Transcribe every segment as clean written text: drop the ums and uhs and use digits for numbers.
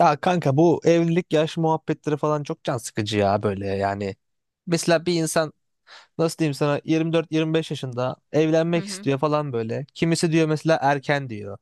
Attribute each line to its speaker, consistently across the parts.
Speaker 1: Ya kanka bu evlilik yaş muhabbetleri falan çok can sıkıcı ya böyle yani. Mesela bir insan nasıl diyeyim sana 24-25 yaşında
Speaker 2: Hı
Speaker 1: evlenmek
Speaker 2: hı.
Speaker 1: istiyor falan böyle. Kimisi diyor mesela erken diyor.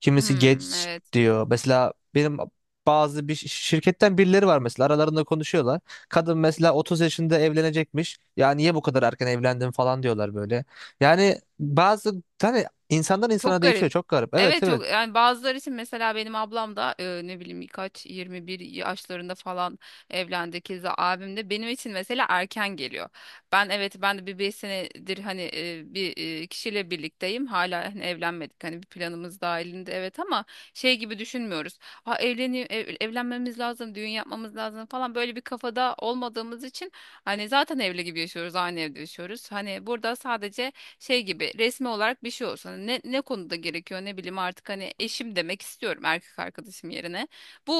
Speaker 1: Kimisi
Speaker 2: Hmm,
Speaker 1: geç
Speaker 2: evet.
Speaker 1: diyor. Mesela benim bazı bir şirketten birileri var mesela aralarında konuşuyorlar. Kadın mesela 30 yaşında evlenecekmiş. Ya niye bu kadar erken evlendin falan diyorlar böyle. Yani bazı hani insandan
Speaker 2: Çok
Speaker 1: insana değişiyor
Speaker 2: garip.
Speaker 1: çok garip. Evet,
Speaker 2: Evet,
Speaker 1: evet.
Speaker 2: çok, yani bazıları için, mesela benim ablam da ne bileyim, kaç 21 yaşlarında falan evlendi. Keza abim de benim için mesela erken geliyor. Evet, ben de bir 5 senedir hani bir kişiyle birlikteyim. Hala hani evlenmedik. Hani bir planımız dahilinde, evet, ama şey gibi düşünmüyoruz. Ha, evlenmemiz lazım, düğün yapmamız lazım falan, böyle bir kafada olmadığımız için hani zaten evli gibi yaşıyoruz, aynı evde yaşıyoruz. Hani burada sadece şey gibi resmi olarak bir şey olsun. Hani ne konuda gerekiyor, ne bileyim artık, hani eşim demek istiyorum erkek arkadaşım yerine. Bu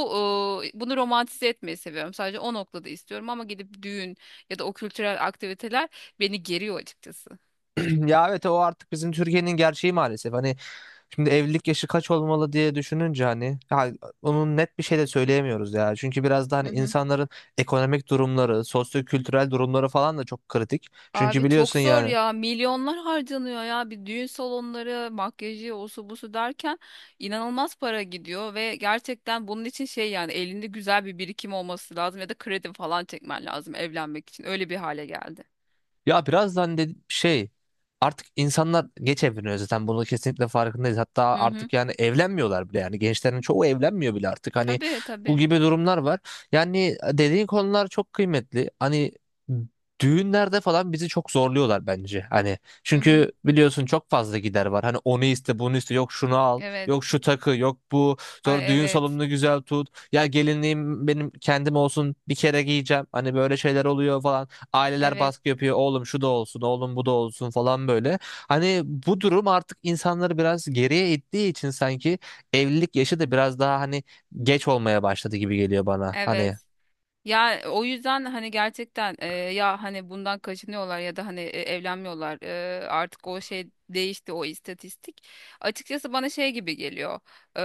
Speaker 2: Bunu romantize etmeyi seviyorum. Sadece o noktada istiyorum ama gidip düğün ya da o kültürel aktiviteler beni geriyor açıkçası.
Speaker 1: Ya evet, o artık bizim Türkiye'nin gerçeği maalesef. Hani şimdi evlilik yaşı kaç olmalı diye düşününce hani ya onun net bir şey de söyleyemiyoruz ya. Çünkü biraz da
Speaker 2: Hı
Speaker 1: hani
Speaker 2: hı.
Speaker 1: insanların ekonomik durumları, sosyo-kültürel durumları falan da çok kritik. Çünkü
Speaker 2: Abi, çok
Speaker 1: biliyorsun
Speaker 2: zor
Speaker 1: yani.
Speaker 2: ya. Milyonlar harcanıyor ya. Bir düğün salonları, makyajı, osu busu derken inanılmaz para gidiyor ve gerçekten bunun için şey, yani elinde güzel bir birikim olması lazım ya da kredi falan çekmen lazım evlenmek için. Öyle bir hale geldi.
Speaker 1: Ya birazdan de şey, artık insanlar geç evleniyor zaten, bunu kesinlikle farkındayız. Hatta
Speaker 2: Hı hı.
Speaker 1: artık yani evlenmiyorlar bile, yani gençlerin çoğu evlenmiyor bile artık, hani
Speaker 2: Tabii,
Speaker 1: bu
Speaker 2: tabii.
Speaker 1: gibi durumlar var. Yani dediğin konular çok kıymetli. Hani düğünlerde falan bizi çok zorluyorlar bence. Hani
Speaker 2: Hı hı.
Speaker 1: çünkü biliyorsun çok fazla gider var. Hani onu iste, bunu iste, yok şunu al,
Speaker 2: Evet.
Speaker 1: yok şu takı, yok bu.
Speaker 2: Ay,
Speaker 1: Sonra düğün
Speaker 2: evet.
Speaker 1: salonunu güzel tut. Ya gelinliğim benim kendim olsun, bir kere giyeceğim. Hani böyle şeyler oluyor falan. Aileler
Speaker 2: Evet.
Speaker 1: baskı yapıyor. Oğlum şu da olsun, oğlum bu da olsun falan böyle. Hani bu durum artık insanları biraz geriye ittiği için sanki evlilik yaşı da biraz daha hani geç olmaya başladı gibi geliyor bana. Hani
Speaker 2: Evet. Ya, o yüzden hani gerçekten ya hani bundan kaçınıyorlar ya da hani evlenmiyorlar. Artık o şey değişti, o istatistik. Açıkçası bana şey gibi geliyor. E,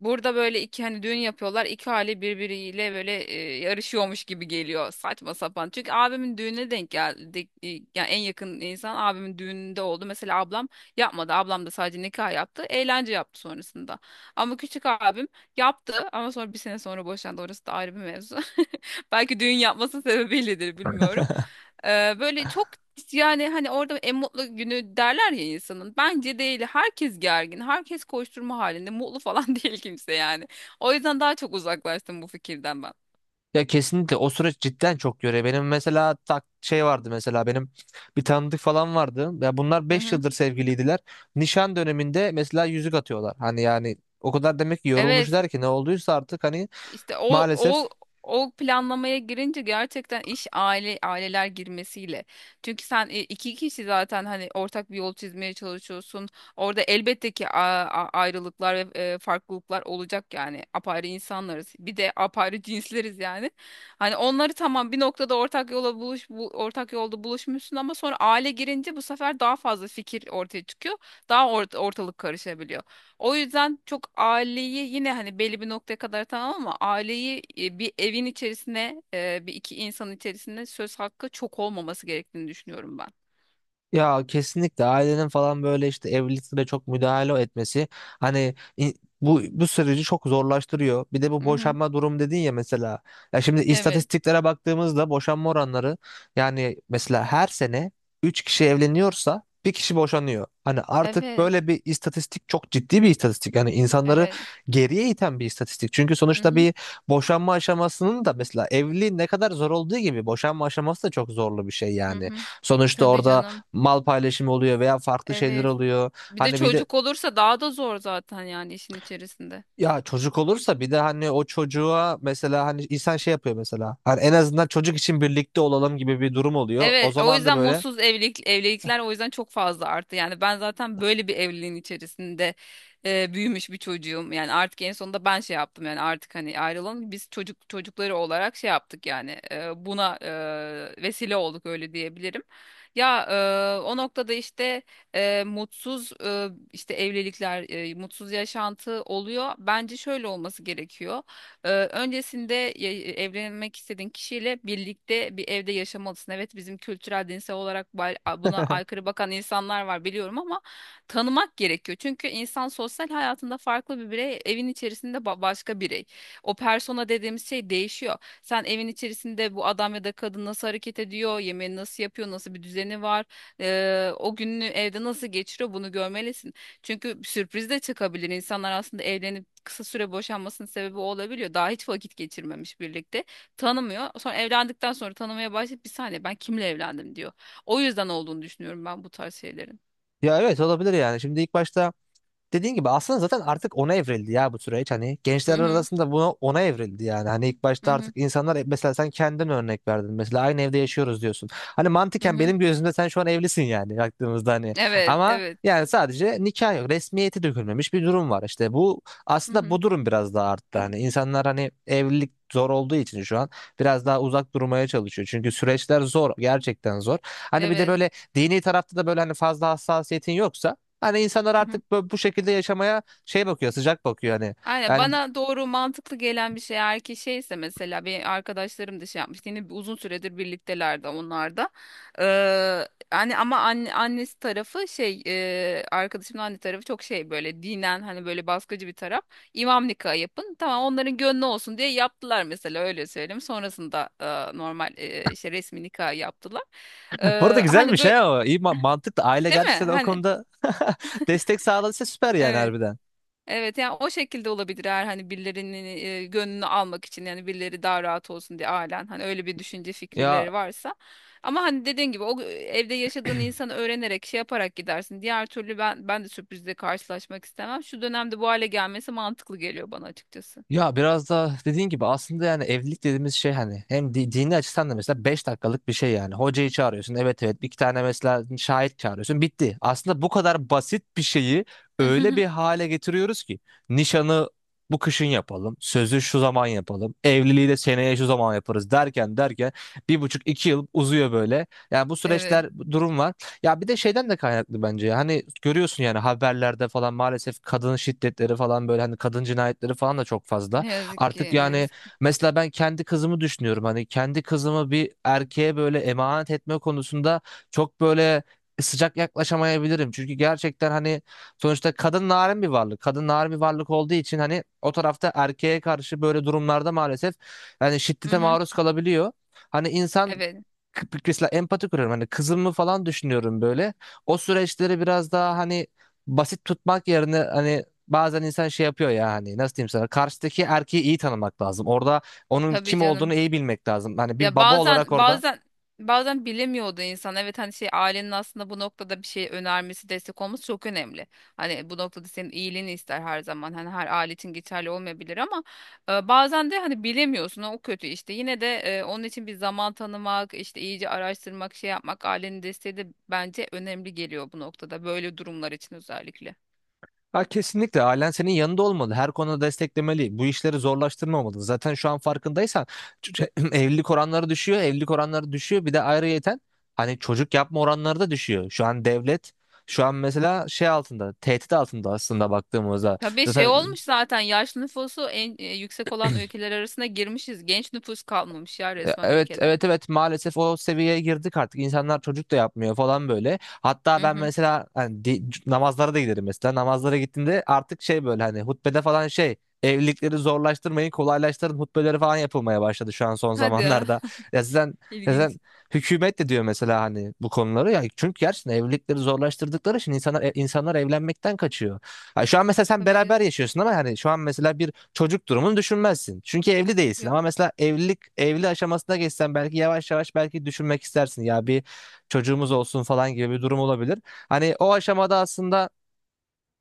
Speaker 2: Burada böyle iki hani düğün yapıyorlar. İki aile birbiriyle böyle yarışıyormuş gibi geliyor. Saçma sapan. Çünkü abimin düğününe denk geldi. Yani en yakın insan abimin düğününde oldu. Mesela ablam yapmadı. Ablam da sadece nikah yaptı. Eğlence yaptı sonrasında. Ama küçük abim yaptı ama sonra bir sene sonra boşandı. Orası da ayrı bir mevzu. Belki düğün yapması sebebiyledir, bilmiyorum. Böyle çok, yani hani orada en mutlu günü derler ya insanın. Bence değil. Herkes gergin. Herkes koşturma halinde. Mutlu falan değil kimse yani. O yüzden daha çok uzaklaştım bu fikirden ben.
Speaker 1: ya kesinlikle o süreç cidden çok yoruyor. Benim mesela şey vardı, mesela benim bir tanıdık falan vardı. Ya bunlar
Speaker 2: Hı
Speaker 1: 5
Speaker 2: hı.
Speaker 1: yıldır sevgiliydiler. Nişan döneminde mesela yüzük atıyorlar. Hani yani o kadar demek ki
Speaker 2: Evet.
Speaker 1: yorulmuşlar ki, ne olduysa artık hani,
Speaker 2: İşte o
Speaker 1: maalesef.
Speaker 2: o o planlamaya girince gerçekten iş, aileler girmesiyle. Çünkü sen, iki kişi zaten hani ortak bir yol çizmeye çalışıyorsun. Orada elbette ki ayrılıklar ve farklılıklar olacak yani. Apayrı insanlarız. Bir de apayrı cinsleriz yani. Hani onları tamam bir noktada ortak yolda buluşmuşsun, ama sonra aile girince bu sefer daha fazla fikir ortaya çıkıyor. Daha ortalık karışabiliyor. O yüzden çok aileyi yine hani belli bir noktaya kadar tamam, ama aileyi, bir evin içerisine, bir iki insan içerisinde söz hakkı çok olmaması gerektiğini düşünüyorum ben.
Speaker 1: Ya kesinlikle ailenin falan böyle işte evliliklere çok müdahale etmesi hani bu süreci çok zorlaştırıyor. Bir de bu
Speaker 2: Hı hı.
Speaker 1: boşanma durum dedin ya mesela. Ya şimdi
Speaker 2: Evet.
Speaker 1: istatistiklere baktığımızda boşanma oranları, yani mesela her sene 3 kişi evleniyorsa bir kişi boşanıyor. Hani artık
Speaker 2: Evet.
Speaker 1: böyle bir istatistik, çok ciddi bir istatistik. Yani insanları
Speaker 2: Evet.
Speaker 1: geriye iten bir istatistik. Çünkü
Speaker 2: Hı
Speaker 1: sonuçta
Speaker 2: hı.
Speaker 1: bir boşanma aşamasının da, mesela evliliğin ne kadar zor olduğu gibi, boşanma aşaması da çok zorlu bir şey
Speaker 2: Hı
Speaker 1: yani.
Speaker 2: hı.
Speaker 1: Sonuçta
Speaker 2: Tabii
Speaker 1: orada
Speaker 2: canım.
Speaker 1: mal paylaşımı oluyor veya farklı şeyler
Speaker 2: Evet.
Speaker 1: oluyor.
Speaker 2: Bir de
Speaker 1: Hani bir de
Speaker 2: çocuk olursa daha da zor zaten yani, işin içerisinde.
Speaker 1: ya çocuk olursa bir de hani o çocuğa mesela hani insan şey yapıyor mesela. Hani en azından çocuk için birlikte olalım gibi bir durum oluyor. O
Speaker 2: Evet, o
Speaker 1: zaman da
Speaker 2: yüzden
Speaker 1: böyle.
Speaker 2: mutsuz evlilikler o yüzden çok fazla arttı. Yani ben zaten böyle bir evliliğin içerisinde büyümüş bir çocuğum. Yani artık en sonunda ben şey yaptım, yani artık hani ayrılalım. Biz çocukları olarak şey yaptık, yani buna vesile olduk, öyle diyebilirim. Ya, o noktada işte, mutsuz, işte evlilikler, mutsuz yaşantı oluyor. Bence şöyle olması gerekiyor. Öncesinde evlenmek istediğin kişiyle birlikte bir evde yaşamalısın. Evet, bizim kültürel dinsel olarak buna aykırı bakan insanlar var biliyorum, ama tanımak gerekiyor. Çünkü insan sosyal hayatında farklı bir birey, evin içerisinde başka birey. O persona dediğimiz şey değişiyor. Sen evin içerisinde bu adam ya da kadın nasıl hareket ediyor, yemeğini nasıl yapıyor, nasıl bir düzeni var, o gününü evde nasıl geçiriyor, bunu görmelisin. Çünkü sürpriz de çıkabilir. İnsanlar aslında evlenip kısa süre boşanmasının sebebi o olabiliyor. Daha hiç vakit geçirmemiş birlikte. Tanımıyor. Sonra evlendikten sonra tanımaya başlayıp, bir saniye, ben kimle evlendim, diyor. O yüzden olduğunu düşünüyorum ben bu tarz şeylerin.
Speaker 1: Ya evet, olabilir yani. Şimdi ilk başta dediğin gibi aslında zaten artık ona evrildi ya bu süreç, hani
Speaker 2: Hı
Speaker 1: gençler
Speaker 2: hı
Speaker 1: arasında ona evrildi yani, hani ilk
Speaker 2: hı
Speaker 1: başta
Speaker 2: hı
Speaker 1: artık insanlar, mesela sen kendin örnek verdin, mesela aynı evde yaşıyoruz diyorsun, hani
Speaker 2: hı.
Speaker 1: mantıken
Speaker 2: Hı.
Speaker 1: benim gözümde sen şu an evlisin yani baktığımızda, hani
Speaker 2: Evet,
Speaker 1: ama
Speaker 2: evet.
Speaker 1: yani sadece nikah yok, resmiyeti dökülmemiş bir durum var işte. Bu,
Speaker 2: Hı
Speaker 1: aslında
Speaker 2: hı.
Speaker 1: bu durum biraz daha arttı, hani insanlar hani evlilik zor olduğu için şu an biraz daha uzak durmaya çalışıyor, çünkü süreçler zor, gerçekten zor. Hani bir de
Speaker 2: Evet.
Speaker 1: böyle dini tarafta da böyle hani fazla hassasiyetin yoksa. Hani insanlar
Speaker 2: Hı hı.
Speaker 1: artık bu şekilde yaşamaya şey bakıyor, sıcak bakıyor hani.
Speaker 2: Aynen,
Speaker 1: Yani
Speaker 2: bana doğru mantıklı gelen bir şey, eğer ki şeyse. Mesela bir arkadaşlarım da şey yapmıştı, yine uzun süredir birliktelerdi onlar da. Hani ama, annesi tarafı şey, arkadaşımın anne tarafı çok şey, böyle dinen hani böyle baskıcı bir taraf. İmam nikahı yapın, tamam, onların gönlü olsun diye yaptılar mesela, öyle söyleyeyim. Sonrasında normal işte resmi nikah yaptılar.
Speaker 1: bu arada
Speaker 2: Hani
Speaker 1: güzelmiş
Speaker 2: böyle,
Speaker 1: he o. İyi, mantıklı. Aile
Speaker 2: değil mi?
Speaker 1: gerçekten o
Speaker 2: Hani,
Speaker 1: konuda destek sağladıysa süper yani,
Speaker 2: evet.
Speaker 1: harbiden.
Speaker 2: Evet, yani o şekilde olabilir eğer hani birilerinin gönlünü almak için, yani birileri daha rahat olsun diye, ailen hani öyle bir düşünce
Speaker 1: Ya
Speaker 2: fikirleri varsa. Ama hani dediğin gibi, o evde yaşadığın insanı öğrenerek, şey yaparak gidersin. Diğer türlü ben de sürprizle karşılaşmak istemem. Şu dönemde bu hale gelmesi mantıklı geliyor bana açıkçası.
Speaker 1: Ya biraz da dediğin gibi aslında yani evlilik dediğimiz şey, hani hem dini açıdan da mesela 5 dakikalık bir şey yani. Hocayı çağırıyorsun, evet, evet, bir iki tane mesela şahit çağırıyorsun, bitti. Aslında bu kadar basit bir şeyi öyle bir hale getiriyoruz ki nişanı bu kışın yapalım, sözü şu zaman yapalım, evliliği de seneye şu zaman yaparız derken derken bir buçuk iki yıl uzuyor böyle. Yani bu
Speaker 2: Evet,
Speaker 1: süreçler, bu durum var. Ya bir de şeyden de kaynaklı bence ya. Hani görüyorsun yani haberlerde falan, maalesef kadın şiddetleri falan böyle, hani kadın cinayetleri falan da çok fazla.
Speaker 2: ne yazık
Speaker 1: Artık
Speaker 2: ki, ne
Speaker 1: yani
Speaker 2: yazık.
Speaker 1: mesela ben kendi kızımı düşünüyorum. Hani kendi kızımı bir erkeğe böyle emanet etme konusunda çok böyle sıcak yaklaşamayabilirim. Çünkü gerçekten hani sonuçta kadın narin bir varlık. Kadın narin bir varlık olduğu için hani o tarafta erkeğe karşı böyle durumlarda maalesef yani
Speaker 2: Hı
Speaker 1: şiddete
Speaker 2: hı.
Speaker 1: maruz kalabiliyor. Hani insan
Speaker 2: Evet,
Speaker 1: mesela empati kuruyorum. Hani kızımı falan düşünüyorum böyle. O süreçleri biraz daha hani basit tutmak yerine hani bazen insan şey yapıyor ya, hani nasıl diyeyim sana, karşıdaki erkeği iyi tanımak lazım. Orada onun
Speaker 2: tabii
Speaker 1: kim olduğunu
Speaker 2: canım.
Speaker 1: iyi bilmek lazım. Hani bir
Speaker 2: Ya,
Speaker 1: baba olarak orada.
Speaker 2: bazen bilemiyordu insan. Evet, hani şey, ailenin aslında bu noktada bir şey önermesi, destek olması çok önemli. Hani bu noktada senin iyiliğini ister her zaman. Hani her aile için geçerli olmayabilir ama bazen de hani bilemiyorsun, o kötü işte. Yine de onun için bir zaman tanımak, işte iyice araştırmak, şey yapmak, ailenin desteği de bence önemli geliyor bu noktada. Böyle durumlar için özellikle.
Speaker 1: Ha, kesinlikle ailen senin yanında olmalı. Her konuda desteklemeli. Bu işleri zorlaştırmamalı. Zaten şu an farkındaysan evlilik oranları düşüyor. Evlilik oranları düşüyor. Bir de ayrıyeten hani çocuk yapma oranları da düşüyor. Şu an mesela şey altında, tehdit altında aslında baktığımızda.
Speaker 2: Tabii, şey
Speaker 1: Zaten
Speaker 2: olmuş zaten, yaşlı nüfusu en yüksek olan ülkeler arasına girmişiz. Genç nüfus kalmamış ya resmen
Speaker 1: Evet,
Speaker 2: ülkede.
Speaker 1: evet, evet, maalesef o seviyeye girdik. Artık insanlar çocuk da yapmıyor falan böyle. Hatta
Speaker 2: Hı
Speaker 1: ben
Speaker 2: hı.
Speaker 1: mesela hani namazlara da giderim, mesela namazlara gittiğimde artık şey böyle hani hutbede falan şey, evlilikleri zorlaştırmayın, kolaylaştırın hutbeleri falan yapılmaya başladı şu an son
Speaker 2: Hadi ya.
Speaker 1: zamanlarda. Ya zaten,
Speaker 2: İlginç.
Speaker 1: zaten hükümet de diyor mesela hani bu konuları ya, çünkü gerçekten evlilikleri zorlaştırdıkları için insanlar insanlar evlenmekten kaçıyor. Ha, şu an mesela sen
Speaker 2: Tabii
Speaker 1: beraber
Speaker 2: canım.
Speaker 1: yaşıyorsun ama hani şu an mesela bir çocuk durumunu düşünmezsin. Çünkü evli değilsin.
Speaker 2: Yok.
Speaker 1: Ama mesela evlilik evli aşamasına geçsen belki yavaş yavaş belki düşünmek istersin. Ya bir çocuğumuz olsun falan gibi bir durum olabilir. Hani o aşamada aslında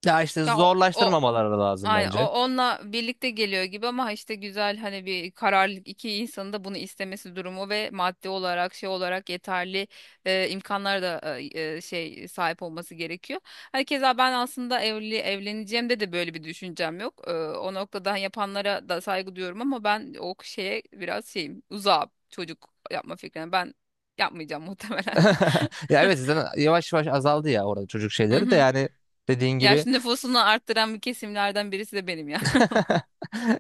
Speaker 1: ya işte
Speaker 2: Ya, o, o
Speaker 1: zorlaştırmamaları lazım
Speaker 2: aynen, o
Speaker 1: bence.
Speaker 2: onunla birlikte geliyor gibi, ama işte güzel hani bir kararlılık, iki insanın da bunu istemesi durumu ve maddi olarak, şey olarak, yeterli imkanlara da şey sahip olması gerekiyor. Hani keza ben aslında evleneceğimde de böyle bir düşüncem yok. O noktadan yapanlara da saygı duyuyorum, ama ben o şeye biraz şeyim, uzağım çocuk yapma fikrine. Ben yapmayacağım muhtemelen.
Speaker 1: Ya evet, zaten yavaş yavaş azaldı ya orada çocuk şeyleri de,
Speaker 2: Mhm.
Speaker 1: yani dediğin gibi.
Speaker 2: Yaşlı nüfusunu arttıran bir kesimlerden birisi de benim ya.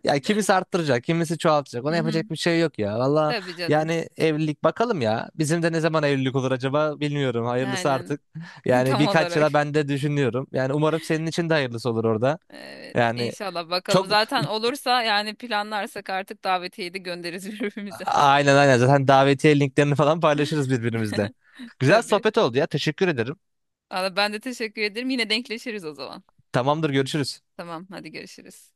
Speaker 1: Ya kimisi arttıracak, kimisi çoğaltacak. Ona
Speaker 2: Hı hı.
Speaker 1: yapacak bir şey yok ya. Valla,
Speaker 2: Tabii canım.
Speaker 1: yani evlilik, bakalım ya. Bizim de ne zaman evlilik olur acaba, bilmiyorum. Hayırlısı
Speaker 2: Aynen.
Speaker 1: artık. Yani
Speaker 2: Tam
Speaker 1: birkaç
Speaker 2: olarak.
Speaker 1: yıla ben de düşünüyorum. Yani umarım senin için de hayırlısı olur orada.
Speaker 2: Evet,
Speaker 1: Yani
Speaker 2: inşallah, bakalım.
Speaker 1: çok,
Speaker 2: Zaten olursa, yani planlarsak, artık davetiyeyi de göndeririz birbirimize.
Speaker 1: aynen, aynen, zaten davetiye linklerini falan paylaşırız birbirimizle. Güzel
Speaker 2: Tabii.
Speaker 1: sohbet oldu ya. Teşekkür ederim.
Speaker 2: Valla, ben de teşekkür ederim. Yine denkleşiriz o zaman.
Speaker 1: Tamamdır, görüşürüz.
Speaker 2: Tamam, hadi, görüşürüz.